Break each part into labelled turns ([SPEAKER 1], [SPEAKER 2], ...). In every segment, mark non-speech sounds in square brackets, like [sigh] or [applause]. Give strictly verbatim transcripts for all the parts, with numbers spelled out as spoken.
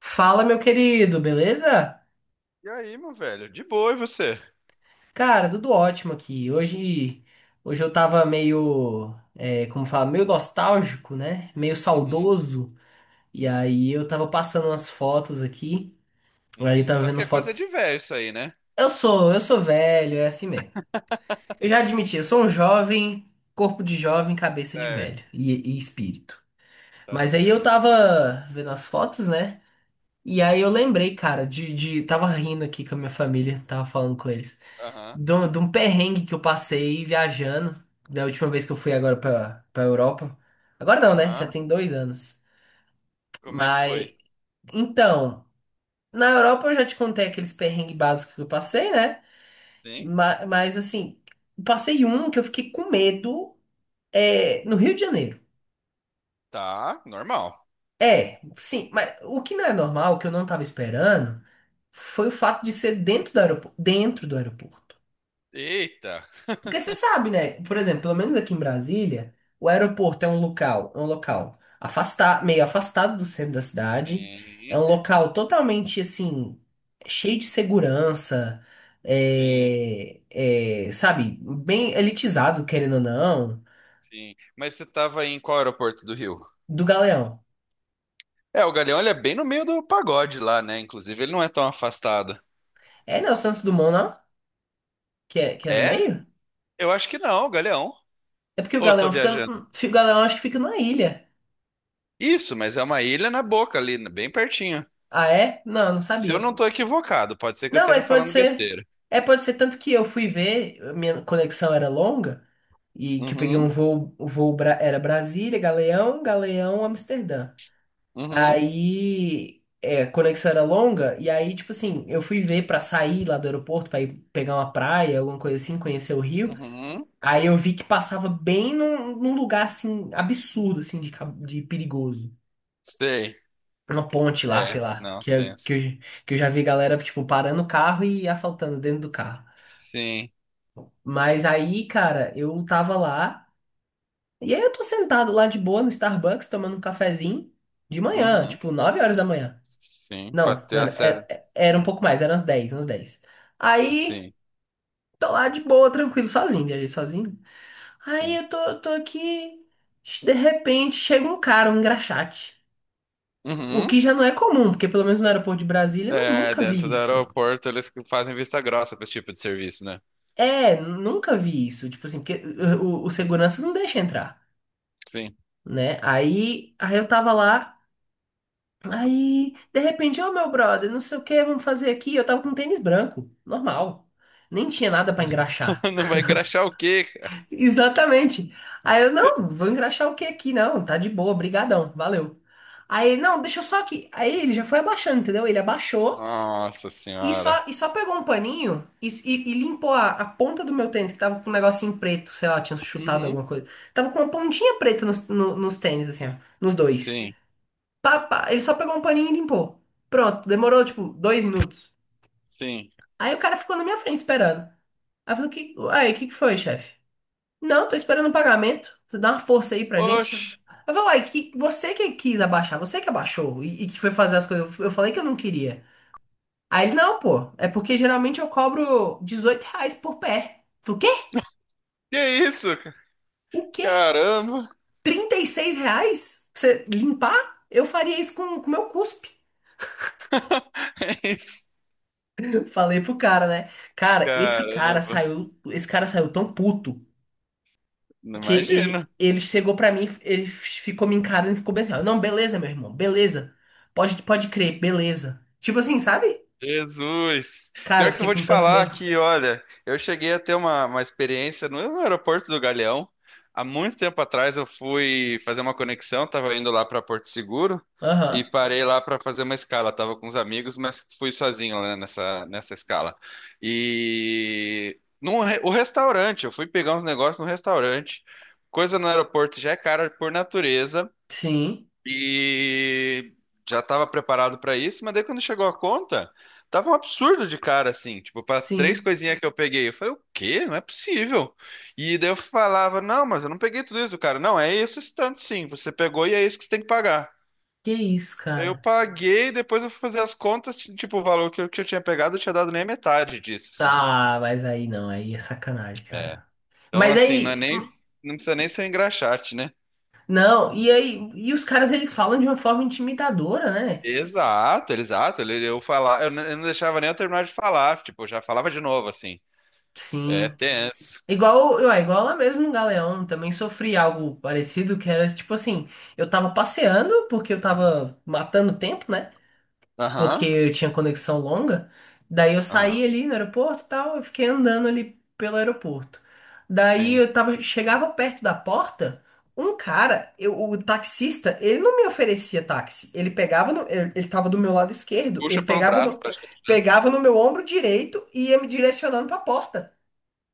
[SPEAKER 1] Fala, meu querido, beleza?
[SPEAKER 2] E aí, meu velho? De boa, e você?
[SPEAKER 1] Cara, tudo ótimo aqui. Hoje, hoje eu tava meio, é, como fala, meio nostálgico, né? Meio
[SPEAKER 2] Uhum,
[SPEAKER 1] saudoso. E aí eu tava passando umas fotos aqui. Aí eu
[SPEAKER 2] uhum.
[SPEAKER 1] tava
[SPEAKER 2] Sabe que
[SPEAKER 1] vendo
[SPEAKER 2] é coisa
[SPEAKER 1] foto.
[SPEAKER 2] de velho isso aí, né?
[SPEAKER 1] Eu sou, eu sou velho, é assim mesmo. Eu já admiti, eu sou um jovem, corpo de jovem, cabeça de velho
[SPEAKER 2] Certo,
[SPEAKER 1] e, e espírito.
[SPEAKER 2] tá
[SPEAKER 1] Mas aí eu
[SPEAKER 2] certo.
[SPEAKER 1] tava vendo as fotos, né? E aí eu lembrei, cara, de, de, tava rindo aqui com a minha família, tava falando com eles.
[SPEAKER 2] Aham,
[SPEAKER 1] De um de um perrengue que eu passei viajando, da última vez que eu fui agora pra, pra Europa. Agora não, né? Já
[SPEAKER 2] aham.
[SPEAKER 1] tem dois anos.
[SPEAKER 2] Como é que foi?
[SPEAKER 1] Mas, então, na Europa eu já te contei aqueles perrengues básicos que eu passei, né?
[SPEAKER 2] Sim?
[SPEAKER 1] Mas, mas assim, passei um que eu fiquei com medo é, no Rio de Janeiro.
[SPEAKER 2] Tá, normal.
[SPEAKER 1] É, sim, mas o que não é normal, que eu não tava esperando, foi o fato de ser dentro do aeroporto, dentro do aeroporto.
[SPEAKER 2] Eita.
[SPEAKER 1] Porque você
[SPEAKER 2] [laughs]
[SPEAKER 1] sabe, né? Por exemplo, pelo menos aqui em Brasília, o aeroporto é um local, é um local afastado, meio afastado do centro da cidade. É
[SPEAKER 2] Sim,
[SPEAKER 1] um local totalmente assim, cheio de segurança,
[SPEAKER 2] sim,
[SPEAKER 1] é, é, sabe, bem elitizado, querendo ou não,
[SPEAKER 2] sim. Mas você tava em qual aeroporto do Rio?
[SPEAKER 1] do Galeão.
[SPEAKER 2] É, o Galeão, ele é bem no meio do pagode lá, né? Inclusive, ele não é tão afastado.
[SPEAKER 1] É, né? O Santos Dumont, não? Que é, que é no
[SPEAKER 2] É?
[SPEAKER 1] meio?
[SPEAKER 2] Eu acho que não, Galeão.
[SPEAKER 1] É porque o
[SPEAKER 2] Ou eu tô
[SPEAKER 1] Galeão fica.
[SPEAKER 2] viajando?
[SPEAKER 1] O Galeão acho que fica na ilha.
[SPEAKER 2] Isso, mas é uma ilha na boca ali, bem pertinho.
[SPEAKER 1] Ah, é? Não, não
[SPEAKER 2] Se eu
[SPEAKER 1] sabia.
[SPEAKER 2] não tô equivocado, pode ser que eu
[SPEAKER 1] Não,
[SPEAKER 2] esteja
[SPEAKER 1] mas pode
[SPEAKER 2] falando
[SPEAKER 1] ser.
[SPEAKER 2] besteira.
[SPEAKER 1] É, pode ser. Tanto que eu fui ver, a minha conexão era longa, e que eu peguei um
[SPEAKER 2] Uhum,
[SPEAKER 1] voo, o voo Bra- era Brasília, Galeão, Galeão, Amsterdã.
[SPEAKER 2] uhum,
[SPEAKER 1] Aí, é, a conexão era longa, e aí, tipo assim, eu fui ver pra sair lá do aeroporto, pra ir pegar uma praia, alguma coisa assim, conhecer o Rio.
[SPEAKER 2] uhum.
[SPEAKER 1] Aí eu vi que passava bem num, num lugar, assim, absurdo, assim, de, ca- de perigoso.
[SPEAKER 2] Sei.
[SPEAKER 1] Uma ponte lá,
[SPEAKER 2] É,
[SPEAKER 1] sei lá,
[SPEAKER 2] não,
[SPEAKER 1] que, eu- que,
[SPEAKER 2] tenso.
[SPEAKER 1] eu, que eu já vi galera, tipo, parando o carro e assaltando dentro do carro.
[SPEAKER 2] Sim.
[SPEAKER 1] Mas aí, cara, eu tava lá, e aí eu tô sentado lá de boa no Starbucks, tomando um cafezinho de manhã,
[SPEAKER 2] Uhum.
[SPEAKER 1] tipo, nove horas da manhã.
[SPEAKER 2] Sim, para
[SPEAKER 1] Não,
[SPEAKER 2] ter
[SPEAKER 1] não era,
[SPEAKER 2] acesso.
[SPEAKER 1] era, era um pouco mais, eram umas dez umas dez. Aí,
[SPEAKER 2] Sim,
[SPEAKER 1] tô lá de boa, tranquilo, sozinho, viajei sozinho. Aí
[SPEAKER 2] sim.
[SPEAKER 1] eu tô, eu tô aqui, de repente chega um cara, um engraxate. O que
[SPEAKER 2] Uhum.
[SPEAKER 1] já não é comum, porque pelo menos no aeroporto de Brasília eu
[SPEAKER 2] É,
[SPEAKER 1] nunca
[SPEAKER 2] dentro
[SPEAKER 1] vi
[SPEAKER 2] do
[SPEAKER 1] isso.
[SPEAKER 2] aeroporto eles que fazem vista grossa para esse tipo de serviço, né?
[SPEAKER 1] É, nunca vi isso. Tipo assim, porque o, o, o segurança não deixa entrar.
[SPEAKER 2] Sim.
[SPEAKER 1] Né? Aí, aí eu tava lá, aí de repente, ô meu brother, não sei o que, vamos fazer aqui. Eu tava com um tênis branco, normal. Nem tinha nada pra engraxar.
[SPEAKER 2] [laughs] Não vai engraxar o quê, cara?
[SPEAKER 1] [laughs] Exatamente. Aí eu, não, vou engraxar o que aqui? Não, tá de boa, brigadão, valeu. Aí, ele, não, deixa eu só aqui. Aí ele já foi abaixando, entendeu? Ele abaixou
[SPEAKER 2] Nossa
[SPEAKER 1] e
[SPEAKER 2] senhora.
[SPEAKER 1] só, e só pegou um paninho e, e- e limpou a, a ponta do meu tênis, que tava com um negocinho preto, sei lá, tinha chutado
[SPEAKER 2] Uhum.
[SPEAKER 1] alguma coisa. Tava com uma pontinha preta nos, no- nos tênis, assim, ó, nos dois.
[SPEAKER 2] Sim,
[SPEAKER 1] Pá, pá. Ele só pegou um paninho e limpou. Pronto, demorou tipo dois minutos.
[SPEAKER 2] sim.
[SPEAKER 1] Aí o cara ficou na minha frente esperando. Aí eu falei, que... aí, o que que foi, chefe? Não, tô esperando o pagamento. Você dá uma força aí pra gente. Eu
[SPEAKER 2] Oxe,
[SPEAKER 1] falei, uai, que você que quis abaixar, você que abaixou e, e que foi fazer as coisas. Eu falei que eu não queria. Aí ele, não, pô, é porque geralmente eu cobro dezoito reais por pé. Eu falei, o quê?
[SPEAKER 2] que isso? ca-
[SPEAKER 1] O quê?
[SPEAKER 2] Caramba.
[SPEAKER 1] trinta e seis reais? Pra você limpar? Eu faria isso com o meu cuspe.
[SPEAKER 2] [laughs] É isso.
[SPEAKER 1] Falei pro cara, né? Cara, esse cara
[SPEAKER 2] Caramba.
[SPEAKER 1] saiu, esse cara saiu tão puto
[SPEAKER 2] Não
[SPEAKER 1] que
[SPEAKER 2] imagino.
[SPEAKER 1] ele, ele chegou pra mim, ele ficou me encarando e ficou bem assim, ó, não, beleza, meu irmão, beleza. Pode, pode crer, beleza. Tipo assim, sabe?
[SPEAKER 2] Jesus!
[SPEAKER 1] Cara, eu
[SPEAKER 2] Pior que eu
[SPEAKER 1] fiquei
[SPEAKER 2] vou te
[SPEAKER 1] com tanto
[SPEAKER 2] falar
[SPEAKER 1] medo.
[SPEAKER 2] que, olha, eu cheguei a ter uma, uma experiência no aeroporto do Galeão. Há muito tempo atrás eu fui fazer uma conexão, estava indo lá para Porto Seguro e
[SPEAKER 1] Aham.
[SPEAKER 2] parei lá para fazer uma escala. Tava com uns amigos, mas fui sozinho, né, nessa, nessa escala. E num, re- o restaurante, eu fui pegar uns negócios no restaurante. Coisa no aeroporto já é cara por natureza,
[SPEAKER 1] Sim,
[SPEAKER 2] e já estava preparado para isso, mas daí quando chegou a conta, tava um absurdo de cara, assim, tipo, para três
[SPEAKER 1] sim.
[SPEAKER 2] coisinhas que eu peguei. Eu falei, o quê? Não é possível. E daí eu falava, não, mas eu não peguei tudo isso, cara. Não, é isso, esse tanto sim, você pegou e é isso que você tem que pagar.
[SPEAKER 1] Que isso,
[SPEAKER 2] Aí eu
[SPEAKER 1] cara?
[SPEAKER 2] paguei, depois eu fui fazer as contas, tipo, o valor que eu, que eu tinha pegado, eu tinha dado nem a metade disso, assim.
[SPEAKER 1] Ah, mas aí não, aí é sacanagem,
[SPEAKER 2] É.
[SPEAKER 1] cara.
[SPEAKER 2] Então,
[SPEAKER 1] Mas
[SPEAKER 2] assim, não é
[SPEAKER 1] aí,
[SPEAKER 2] nem, não precisa nem ser engraxate, né?
[SPEAKER 1] não, e aí, e os caras eles falam de uma forma intimidadora, né?
[SPEAKER 2] Exato, exato. Ele, eu falar, eu, n- eu não deixava nem eu terminar de falar, tipo, eu já falava de novo assim. É
[SPEAKER 1] Sim.
[SPEAKER 2] tenso.
[SPEAKER 1] Igual, ué, igual lá mesmo no Galeão, também sofri algo parecido, que era tipo assim, eu tava passeando porque eu tava matando tempo, né? Porque
[SPEAKER 2] Aham.
[SPEAKER 1] eu tinha conexão longa. Daí eu
[SPEAKER 2] Aham.
[SPEAKER 1] saí ali no aeroporto e tal, eu fiquei andando ali pelo aeroporto. Daí
[SPEAKER 2] Sim.
[SPEAKER 1] eu tava, chegava perto da porta, um cara, eu- o taxista, ele não me oferecia táxi. Ele pegava no, ele, ele tava do meu lado esquerdo,
[SPEAKER 2] Puxa
[SPEAKER 1] ele
[SPEAKER 2] pelo
[SPEAKER 1] pegava
[SPEAKER 2] braço,
[SPEAKER 1] no,
[SPEAKER 2] praticamente.
[SPEAKER 1] pegava no meu ombro direito e ia me direcionando pra porta.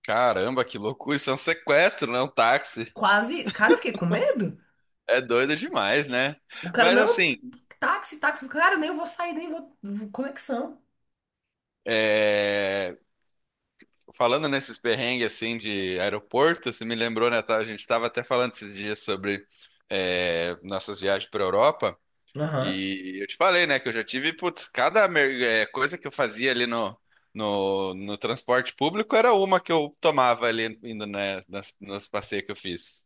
[SPEAKER 2] Caramba, que loucura! Isso é um sequestro, não é um táxi.
[SPEAKER 1] Quase isso. Cara, eu fiquei com medo.
[SPEAKER 2] É doido demais, né?
[SPEAKER 1] O cara,
[SPEAKER 2] Mas
[SPEAKER 1] não,
[SPEAKER 2] assim,
[SPEAKER 1] táxi, táxi. Cara, nem vou sair, nem vou. Vou- Conexão.
[SPEAKER 2] é, falando nesses perrengues assim de aeroporto, você me lembrou, né? Tá? A gente estava até falando esses dias sobre é, nossas viagens para Europa.
[SPEAKER 1] Aham.
[SPEAKER 2] E eu te falei, né, que eu já tive, putz, cada mer- eh, coisa que eu fazia ali no, no, no transporte público era uma que eu tomava ali indo, né, nas, nos passeios que eu fiz.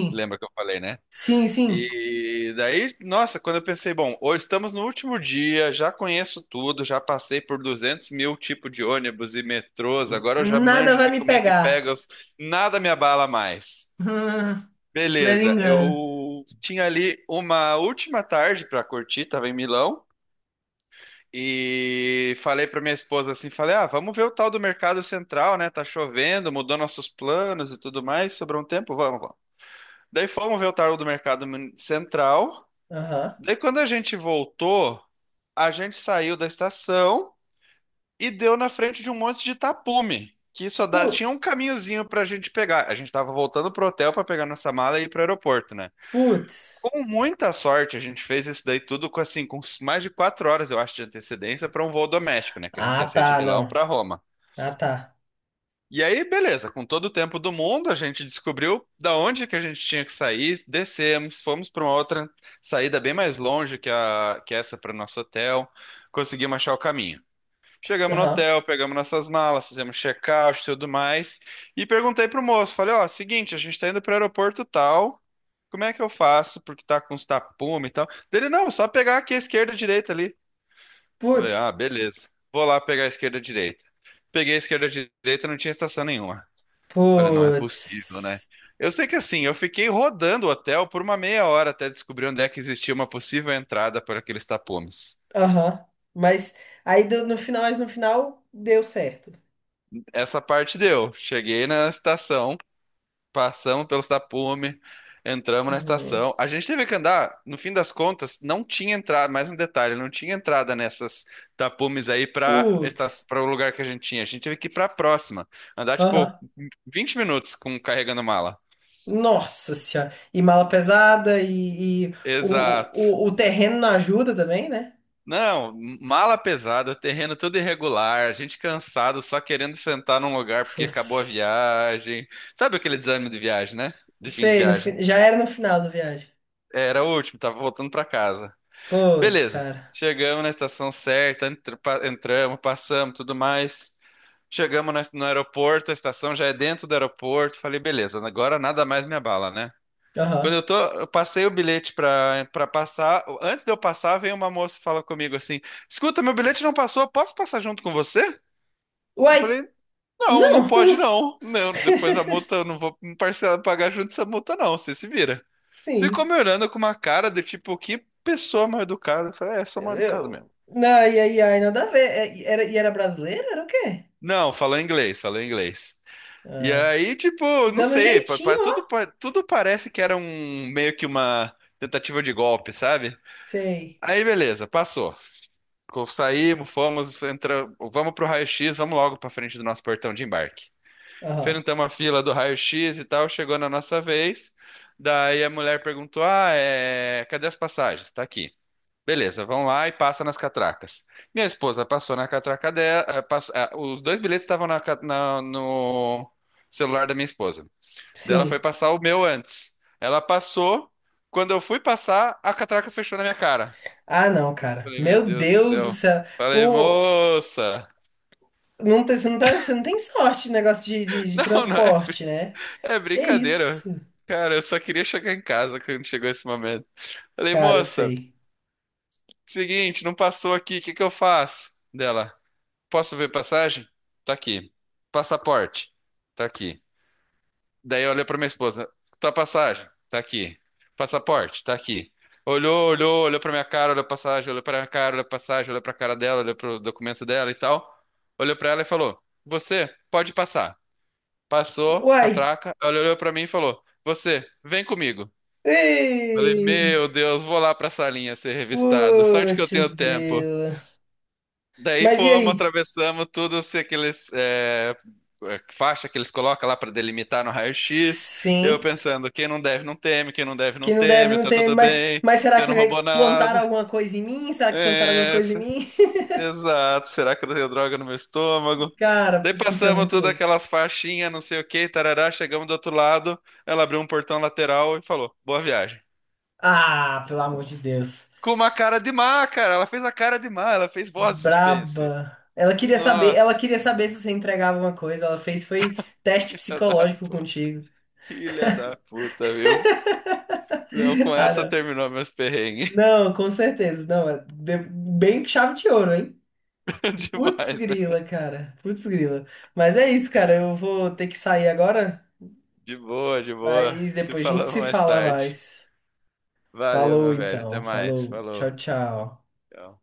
[SPEAKER 2] Você lembra que eu falei, né?
[SPEAKER 1] sim, sim.
[SPEAKER 2] E daí, nossa, quando eu pensei, bom, hoje estamos no último dia, já conheço tudo, já passei por duzentos mil tipos de ônibus e metrôs, agora eu já
[SPEAKER 1] Nada
[SPEAKER 2] manjo
[SPEAKER 1] vai
[SPEAKER 2] de
[SPEAKER 1] me
[SPEAKER 2] como é que
[SPEAKER 1] pegar.
[SPEAKER 2] pega, os...
[SPEAKER 1] [laughs]
[SPEAKER 2] nada me abala mais.
[SPEAKER 1] Hum, lendo
[SPEAKER 2] Beleza,
[SPEAKER 1] engano.
[SPEAKER 2] eu tinha ali uma última tarde para curtir, estava em Milão, e falei pra minha esposa assim, falei, ah, vamos ver o tal do Mercado Central, né? Tá chovendo, mudou nossos planos e tudo mais, sobrou um tempo, vamos, vamos. Daí fomos ver o tal do Mercado Mun- Central.
[SPEAKER 1] Aham.
[SPEAKER 2] Daí quando a gente voltou, a gente saiu da estação e deu na frente de um monte de tapume, que só dá,
[SPEAKER 1] Pu-
[SPEAKER 2] tinha um caminhozinho pra gente pegar. A gente tava voltando pro hotel pra pegar nossa mala e ir pro aeroporto, né?
[SPEAKER 1] Putz.
[SPEAKER 2] Com muita sorte, a gente fez isso daí tudo com assim, com mais de quatro horas, eu acho, de antecedência para um voo doméstico, né? Que a gente
[SPEAKER 1] Ah,
[SPEAKER 2] ia sair de
[SPEAKER 1] tá,
[SPEAKER 2] Milão
[SPEAKER 1] não.
[SPEAKER 2] para Roma.
[SPEAKER 1] Ah, tá.
[SPEAKER 2] E aí, beleza, com todo o tempo do mundo, a gente descobriu da onde que a gente tinha que sair, descemos, fomos para uma outra saída bem mais longe que a que essa para o nosso hotel, conseguimos achar o caminho.
[SPEAKER 1] Psst,
[SPEAKER 2] Chegamos no
[SPEAKER 1] aham.
[SPEAKER 2] hotel, pegamos nossas malas, fizemos check-out e tudo mais. E perguntei pro moço, falei, ó, seguinte, a gente tá indo pro aeroporto tal, como é que eu faço? Porque tá com os tapumes e tal. Dele, não, só pegar aqui a esquerda e a direita ali. Falei,
[SPEAKER 1] Putz.
[SPEAKER 2] ah, beleza. Vou lá pegar a esquerda e a direita. Peguei a esquerda e a direita, não tinha estação nenhuma. Falei, não é possível, né?
[SPEAKER 1] Putz.
[SPEAKER 2] Eu sei que assim, eu fiquei rodando o hotel por uma meia hora até descobrir onde é que existia uma possível entrada por aqueles tapumes.
[SPEAKER 1] Aham. Mas aí do- no final, mas no final deu certo.
[SPEAKER 2] Essa parte deu. Cheguei na estação. Passamos pelos tapumes, entramos na
[SPEAKER 1] Uhum.
[SPEAKER 2] estação. A gente teve que andar, no fim das contas, não tinha entrada, mais um detalhe, não tinha entrada nessas tapumes aí para
[SPEAKER 1] Putz.
[SPEAKER 2] para o lugar que a gente tinha. A gente teve que ir para a próxima, andar tipo
[SPEAKER 1] Aham.
[SPEAKER 2] vinte minutos com carregando mala.
[SPEAKER 1] Nossa senhora. E mala pesada e, e
[SPEAKER 2] Exato.
[SPEAKER 1] o, o, o terreno não ajuda também, né?
[SPEAKER 2] Não, mala pesada, terreno tudo irregular, a gente cansado, só querendo sentar num lugar porque acabou a
[SPEAKER 1] Putz.
[SPEAKER 2] viagem. Sabe aquele desânimo de viagem, né? De fim de
[SPEAKER 1] Sei, no
[SPEAKER 2] viagem.
[SPEAKER 1] fi- já era no final da viagem.
[SPEAKER 2] Era o último, tava voltando para casa.
[SPEAKER 1] Putz,
[SPEAKER 2] Beleza.
[SPEAKER 1] cara.
[SPEAKER 2] Chegamos na estação certa, entr- pa- entramos, passamos, tudo mais. Chegamos na- no aeroporto, a estação já é dentro do aeroporto. Falei, beleza, agora nada mais me abala, né? Quando
[SPEAKER 1] Aham.
[SPEAKER 2] eu tô, eu passei o bilhete pra, pra passar. Antes de eu passar, vem uma moça e fala comigo assim: Escuta, meu bilhete não passou, posso passar junto com você? Eu
[SPEAKER 1] Uai!
[SPEAKER 2] falei: Não, não
[SPEAKER 1] Não!
[SPEAKER 2] pode não. Não, depois
[SPEAKER 1] [laughs]
[SPEAKER 2] a multa, eu não vou me parcelar, pagar junto essa multa, não. Você se vira. Ficou
[SPEAKER 1] Sim.
[SPEAKER 2] me olhando com uma cara de tipo, que pessoa mal educada. Eu falei: É, sou mal educado
[SPEAKER 1] Eu...
[SPEAKER 2] mesmo.
[SPEAKER 1] Não, e aí, ai, nada a ver. É, e era, e era brasileira? Era o quê?
[SPEAKER 2] Não, falou inglês, falou inglês. E
[SPEAKER 1] Ah,
[SPEAKER 2] aí, tipo, não
[SPEAKER 1] dando um
[SPEAKER 2] sei, pa- pa-
[SPEAKER 1] jeitinho,
[SPEAKER 2] tudo,
[SPEAKER 1] ó.
[SPEAKER 2] pa- tudo parece que era um meio que uma tentativa de golpe, sabe?
[SPEAKER 1] Sei.
[SPEAKER 2] Aí, beleza, passou. Co- Saímos, fomos, entra, vamos pro raio-x, vamos logo pra frente do nosso portão de embarque.
[SPEAKER 1] Aham.
[SPEAKER 2] Enfrentamos a fila do raio-x e tal, chegou na nossa vez. Daí a mulher perguntou: Ah, é, cadê as passagens? Tá aqui. Beleza, vão lá e passa nas catracas. Minha esposa passou na catraca dela. eh, pass- ah, os dois bilhetes estavam na ca- na- no celular da minha esposa. Daí ela foi
[SPEAKER 1] Sim.
[SPEAKER 2] passar o meu antes. Ela passou. Quando eu fui passar, a catraca fechou na minha cara.
[SPEAKER 1] Ah, não, cara.
[SPEAKER 2] Falei, meu
[SPEAKER 1] Meu
[SPEAKER 2] Deus do
[SPEAKER 1] Deus do
[SPEAKER 2] céu.
[SPEAKER 1] céu.
[SPEAKER 2] Falei,
[SPEAKER 1] O...
[SPEAKER 2] moça.
[SPEAKER 1] Não tem, você, não tá, você não tem sorte no negócio de,
[SPEAKER 2] [laughs]
[SPEAKER 1] de, de
[SPEAKER 2] Não, não, é,
[SPEAKER 1] transporte,
[SPEAKER 2] brin-
[SPEAKER 1] né?
[SPEAKER 2] é
[SPEAKER 1] Que
[SPEAKER 2] brincadeira.
[SPEAKER 1] isso?
[SPEAKER 2] Cara, eu só queria chegar em casa quando chegou esse momento. Falei,
[SPEAKER 1] Cara,
[SPEAKER 2] moça,
[SPEAKER 1] sei.
[SPEAKER 2] seguinte, não passou aqui, o que que eu faço? Dela. Posso ver passagem? Tá aqui. Passaporte? Tá aqui. Daí olhou pra minha esposa. Tua passagem? Tá aqui. Passaporte? Tá aqui. Olhou, olhou, olhou pra minha cara, olhou a passagem, olhou pra minha cara, olhou a passagem, olhou pra cara dela, olhou pro documento dela e tal. Olhou pra ela e falou: Você pode passar. Passou,
[SPEAKER 1] Uai!
[SPEAKER 2] catraca. Ela olhou pra mim e falou: Você, vem comigo. Falei:
[SPEAKER 1] Ei!
[SPEAKER 2] Meu Deus, vou lá pra salinha ser revistado. Sorte que eu tenho
[SPEAKER 1] Putz,
[SPEAKER 2] tempo.
[SPEAKER 1] grila.
[SPEAKER 2] Daí
[SPEAKER 1] Mas e
[SPEAKER 2] fomos,
[SPEAKER 1] aí?
[SPEAKER 2] atravessamos tudo, se aqueles é, é, faixa que eles colocam lá para delimitar no raio-x. Eu
[SPEAKER 1] Sim,
[SPEAKER 2] pensando, quem não deve não teme, quem não deve não
[SPEAKER 1] que não deve
[SPEAKER 2] teme,
[SPEAKER 1] não
[SPEAKER 2] tá
[SPEAKER 1] ter.
[SPEAKER 2] tudo
[SPEAKER 1] Mas,
[SPEAKER 2] bem,
[SPEAKER 1] mas será
[SPEAKER 2] você
[SPEAKER 1] que
[SPEAKER 2] não roubou
[SPEAKER 1] plantaram
[SPEAKER 2] nada.
[SPEAKER 1] alguma coisa em mim? Será que plantaram alguma
[SPEAKER 2] É,
[SPEAKER 1] coisa em
[SPEAKER 2] se-
[SPEAKER 1] mim? [laughs]
[SPEAKER 2] exato, será que eu tenho droga no meu estômago?
[SPEAKER 1] Cara,
[SPEAKER 2] Daí
[SPEAKER 1] fica
[SPEAKER 2] passamos
[SPEAKER 1] muito
[SPEAKER 2] todas
[SPEAKER 1] louco.
[SPEAKER 2] aquelas faixinhas, não sei o que, tarará, chegamos do outro lado, ela abriu um portão lateral e falou, boa viagem.
[SPEAKER 1] Ah, pelo amor de Deus.
[SPEAKER 2] Com uma cara de má, cara, ela fez a cara de má, ela fez voz de suspense.
[SPEAKER 1] Braba. Ela queria saber, ela
[SPEAKER 2] Nossa,
[SPEAKER 1] queria saber se você entregava alguma coisa. Ela fez foi teste psicológico
[SPEAKER 2] [laughs] que
[SPEAKER 1] contigo.
[SPEAKER 2] filha da puta, viu? Não, com
[SPEAKER 1] [laughs] Ah,
[SPEAKER 2] essa
[SPEAKER 1] não.
[SPEAKER 2] terminou meus perrengues.
[SPEAKER 1] Não, com certeza. Não, é de- bem chave de ouro, hein?
[SPEAKER 2] [laughs]
[SPEAKER 1] Putz
[SPEAKER 2] Demais, né?
[SPEAKER 1] grila, cara. Putz grila. Mas é isso, cara. Eu vou ter que sair agora,
[SPEAKER 2] De boa, de boa.
[SPEAKER 1] mas
[SPEAKER 2] Se
[SPEAKER 1] depois a gente
[SPEAKER 2] falamos
[SPEAKER 1] se
[SPEAKER 2] mais
[SPEAKER 1] fala
[SPEAKER 2] tarde.
[SPEAKER 1] mais.
[SPEAKER 2] Valeu,
[SPEAKER 1] Falou
[SPEAKER 2] meu velho. Até
[SPEAKER 1] então.
[SPEAKER 2] mais.
[SPEAKER 1] Falou.
[SPEAKER 2] Falou.
[SPEAKER 1] Tchau, tchau.
[SPEAKER 2] Tchau.